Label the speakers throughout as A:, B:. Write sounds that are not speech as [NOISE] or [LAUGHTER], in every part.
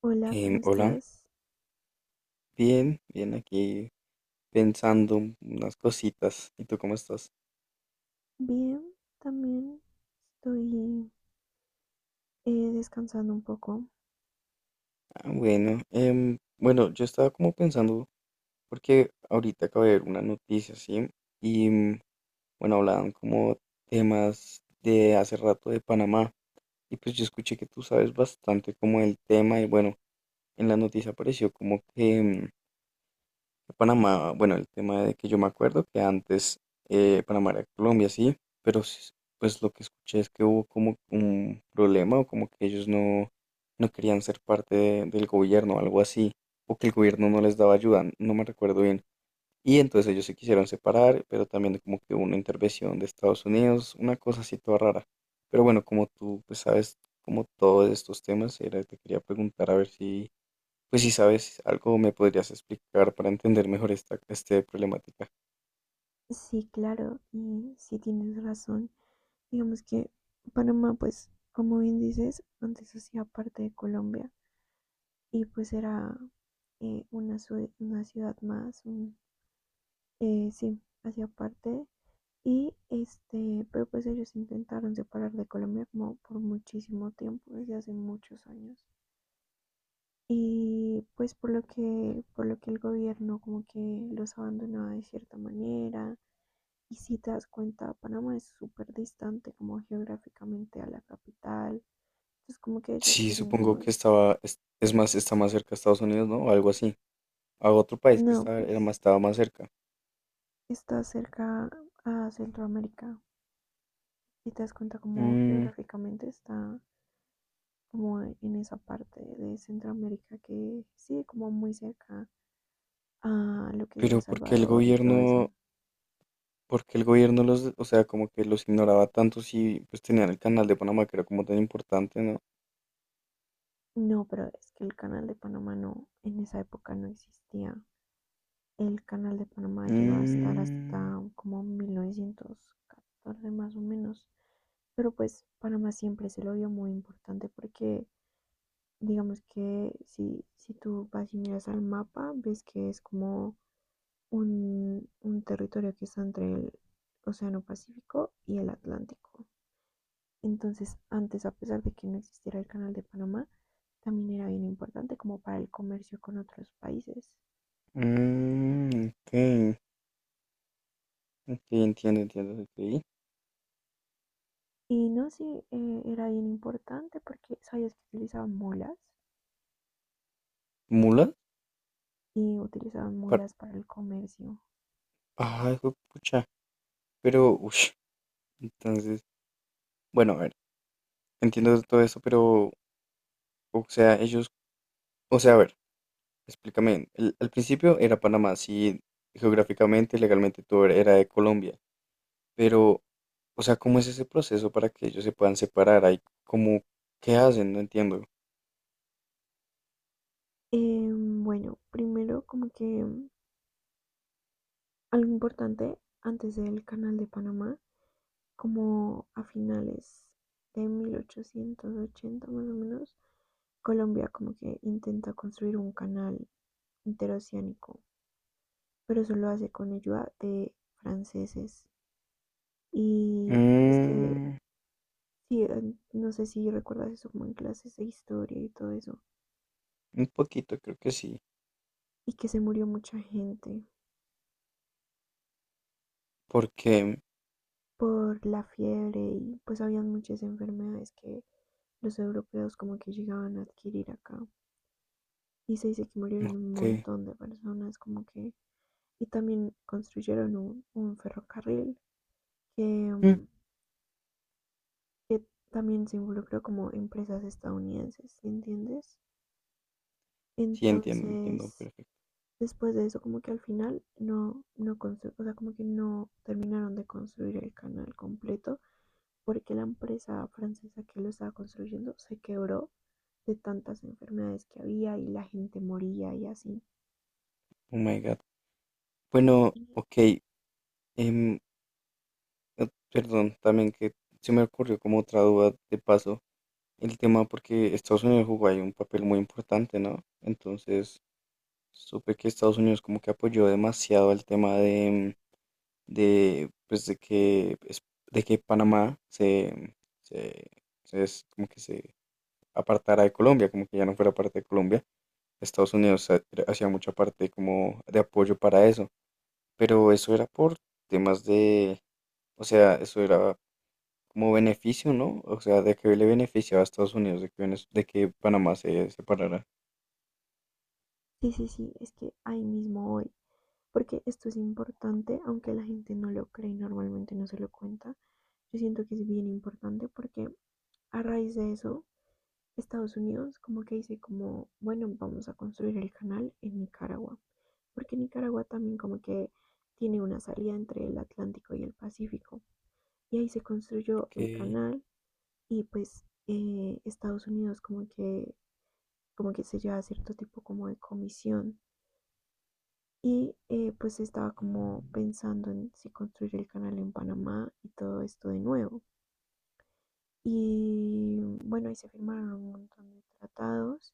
A: Hola, ¿cómo
B: Hola,
A: estás?
B: bien, bien aquí pensando unas cositas. ¿Y tú cómo estás?
A: Bien, también estoy descansando un poco.
B: Ah, bueno, bueno, yo estaba como pensando, porque ahorita acabo de ver una noticia, ¿sí? Y mm, bueno, hablaban como temas de hace rato de Panamá. Y pues yo escuché que tú sabes bastante como el tema y bueno, en la noticia apareció como que, Panamá, bueno, el tema de que yo me acuerdo que antes Panamá era Colombia, sí, pues lo que escuché es que hubo como un problema o como que ellos no querían ser parte del gobierno o algo así, o que el gobierno no les daba ayuda, no me recuerdo bien. Y entonces ellos se quisieron separar, pero también como que hubo una intervención de Estados Unidos, una cosa así toda rara. Pero bueno, como tú pues sabes como todos estos temas, era, te quería preguntar a ver si pues si sabes algo, me podrías explicar para entender mejor esta problemática.
A: Sí, claro, y sí tienes razón. Digamos que Panamá, pues, como bien dices, antes hacía parte de Colombia y pues era una, una ciudad más, un, sí, hacía parte. Y este, pero pues ellos intentaron separar de Colombia como por muchísimo tiempo, desde hace muchos años. Y pues por lo que el gobierno como que los abandonaba de cierta manera. Y si te das cuenta, Panamá es súper distante como geográficamente a la capital. Entonces como que ellos
B: Sí,
A: querían
B: supongo
A: como,
B: que estaba, es más, está más cerca a Estados Unidos, ¿no? O algo así. A otro país que
A: no,
B: estaba, era
A: pues
B: más, estaba más cerca.
A: está cerca a Centroamérica. Y te das cuenta como
B: Mm,
A: geográficamente está como en esa parte de Centroamérica que sigue como muy cerca a lo que es El
B: pero ¿por qué el
A: Salvador y todo eso.
B: gobierno, por qué el gobierno los, o sea, como que los ignoraba tanto si pues tenían el canal de Panamá que era como tan importante, ¿no?
A: No, pero es que el Canal de Panamá no, en esa época no existía. El Canal de Panamá llegó a estar
B: Mm,
A: hasta como 1914 más o menos. Pero pues Panamá siempre se lo vio muy importante porque digamos que si tú vas y miras al mapa, ves que es como un territorio que está entre el Océano Pacífico y el Atlántico. Entonces antes, a pesar de que no existiera el Canal de Panamá, también era bien importante como para el comercio con otros países.
B: mm, ok, ok, entiendo, entiendo, ok.
A: Y no, sí, era bien importante porque sabías que utilizaban mulas
B: ¿Mulas?
A: y utilizaban
B: Par-
A: mulas para el comercio.
B: ay, pucha. Pero, uff, entonces. Bueno, a ver, entiendo todo eso, pero, o sea, ellos, o sea, a ver, explícame, al principio era Panamá, sí, geográficamente, legalmente todo era de Colombia, pero, o sea, ¿cómo es ese proceso para que ellos se puedan separar? Hay como, ¿qué hacen? No entiendo.
A: Bueno, primero como que algo importante antes del canal de Panamá, como a finales de 1880 más o menos, Colombia como que intenta construir un canal interoceánico, pero solo hace con ayuda de franceses. Y pues que,
B: Mm,
A: sí, no sé si recuerdas eso como en clases de historia y todo eso.
B: un poquito, creo que sí,
A: Y que se murió mucha gente
B: porque,
A: por la fiebre y pues habían muchas enfermedades que los europeos como que llegaban a adquirir acá. Y se dice que murieron un
B: ok,
A: montón de personas como que... Y también construyeron un ferrocarril que,
B: mm,
A: que también se involucró como empresas estadounidenses, ¿sí, entiendes?
B: sí, entiendo, entiendo,
A: Entonces,
B: perfecto.
A: después de eso como que al final no, o sea, como que no terminaron de construir el canal completo porque la empresa francesa que lo estaba construyendo se quebró de tantas enfermedades que había y la gente moría y así.
B: Oh my God. Bueno,
A: Y
B: ok, em, perdón, también que se me ocurrió como otra duda de paso. El tema porque Estados Unidos jugó ahí un papel muy importante, ¿no? Entonces, supe que Estados Unidos como que apoyó demasiado el tema de pues de de que se, se es como que se apartara de Colombia, como que ya no fuera parte de Colombia. Estados Unidos hacía mucha parte como de apoyo para eso, pero eso era por temas de, o sea, eso era como beneficio, ¿no? O sea, de que le beneficiaba a Estados Unidos de que, de que Panamá se separara.
A: sí, sí, sí, es que ahí mismo hoy, porque esto es importante, aunque la gente no lo cree y normalmente no se lo cuenta, yo siento que es bien importante porque a raíz de eso, Estados Unidos como que dice como, bueno, vamos a construir el canal en Nicaragua. Porque Nicaragua también como que tiene una salida entre el Atlántico y el Pacífico. Y ahí se construyó el
B: Ok.
A: canal y pues Estados Unidos como que se lleva cierto tipo como de comisión. Y pues estaba como pensando en si construir el canal en Panamá y todo esto de nuevo. Y bueno, ahí se firmaron un montón de tratados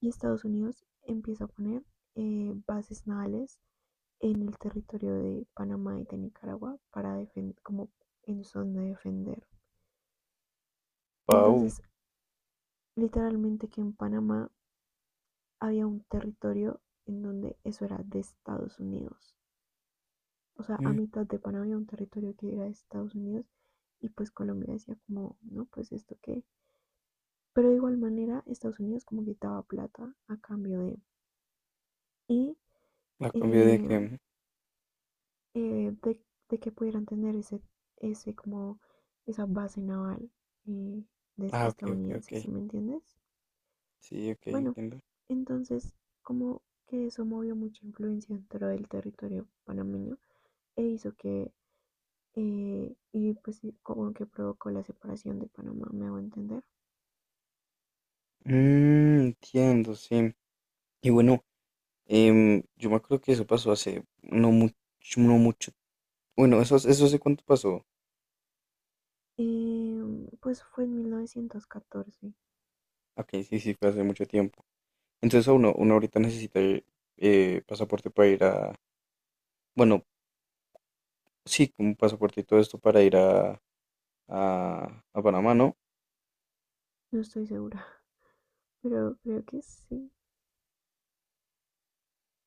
A: y Estados Unidos empieza a poner bases navales en el territorio de Panamá y de Nicaragua para defender, como en son de defender.
B: Wow.
A: Entonces, literalmente que en Panamá había un territorio en donde eso era de Estados Unidos. O sea, a
B: Mm,
A: mitad de Panamá había un territorio que era de Estados Unidos y pues Colombia decía como, no, pues esto qué. Pero de igual manera Estados Unidos como que daba plata a cambio de... Y
B: la cambié de
A: eh,
B: que.
A: eh, de, de que pudieran tener ese, ese como esa base naval eh,
B: Ah, ok, ok, ok.
A: estadounidense, ¿sí me entiendes?
B: Sí, ok,
A: Bueno,
B: entiendo.
A: entonces como que eso movió mucha influencia dentro del territorio panameño e hizo que, y pues sí, como que provocó la separación de Panamá, me hago entender.
B: Mm, entiendo, sí. Y bueno, em, yo me acuerdo que eso pasó hace no mucho, no mucho. Bueno, eso hace cuánto pasó.
A: Pues fue en 1914,
B: Ok, sí, sí, fue hace mucho tiempo. Entonces a uno, uno ahorita necesita pasaporte para ir a. Bueno, sí, como pasaporte y todo esto para ir a Panamá, ¿no?
A: no estoy segura, [LAUGHS] pero creo que sí.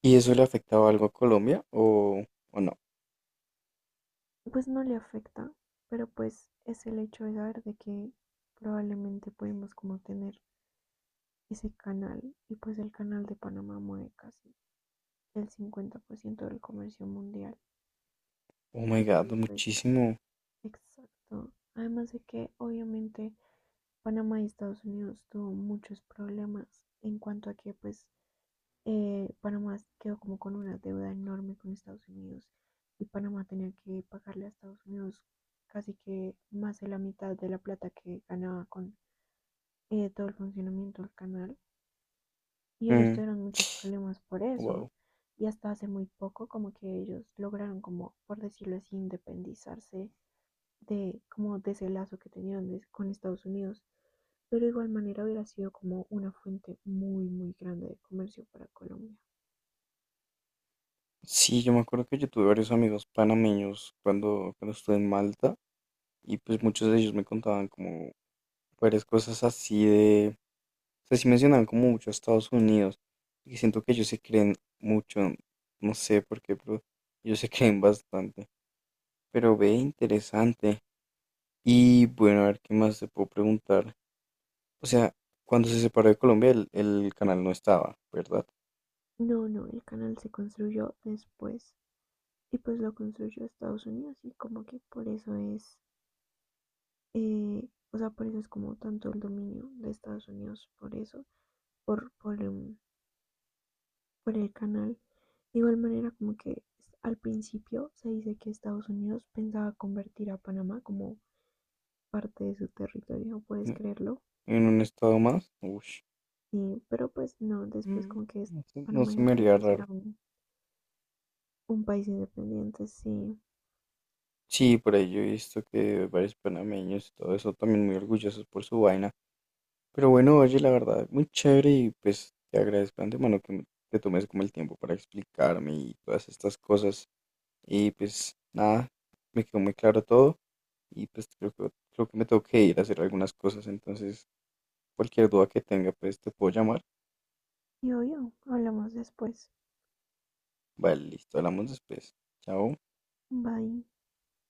B: ¿Y eso le afectaba algo a Colombia o no?
A: Pues no le afecta, pero pues es el hecho, de saber de que probablemente podemos como tener ese canal y pues el canal de Panamá mueve casi el 50% del comercio mundial.
B: Oh my God,
A: Y pues
B: muchísimo.
A: exacto. Además de que obviamente Panamá y Estados Unidos tuvo muchos problemas en cuanto a que pues Panamá quedó como con una deuda enorme con Estados Unidos y Panamá tenía que pagarle a Estados Unidos casi que más de la mitad de la plata que ganaba con todo el funcionamiento del canal y ellos tuvieron muchos problemas por eso
B: Wow.
A: y hasta hace muy poco como que ellos lograron como por decirlo así independizarse de como de ese lazo que tenían con Estados Unidos, pero de igual manera hubiera sido como una fuente muy muy grande de comercio para Colombia.
B: Sí, yo me acuerdo que yo tuve varios amigos panameños cuando, cuando estuve en Malta y pues muchos de ellos me contaban como varias cosas así de, o sea, sí mencionaban como mucho a Estados Unidos y siento que ellos se creen mucho, no sé por qué, pero ellos se [LAUGHS] creen bastante. Pero ve, interesante. Y bueno, a ver qué más te puedo preguntar. O sea, cuando se separó de Colombia el canal no estaba, ¿verdad?
A: No, no, el canal se construyó después y pues lo construyó Estados Unidos y como que por eso es, o sea, por eso es como tanto el dominio de Estados Unidos, por eso, por por el canal. De igual manera como que al principio se dice que Estados Unidos pensaba convertir a Panamá como parte de su territorio, ¿puedes
B: En
A: creerlo?
B: en un estado más, ush,
A: Sí, pero pues no, después
B: mm,
A: como que
B: no
A: Panamá
B: se
A: dijo
B: me
A: que
B: haría
A: pues
B: raro.
A: era un país independiente, sí.
B: Sí, por ahí yo he visto que varios panameños y todo eso también muy orgullosos por su vaina. Pero bueno, oye, la verdad, muy chévere y pues te agradezco de antemano que te tomes como el tiempo para explicarme y todas estas cosas. Y pues nada, me quedó muy claro todo y pues creo que me tengo que ir a hacer algunas cosas. Entonces, cualquier duda que tenga, pues te puedo llamar.
A: Y obvio, hablamos después.
B: Vale, listo, hablamos después. Chao.
A: Bye.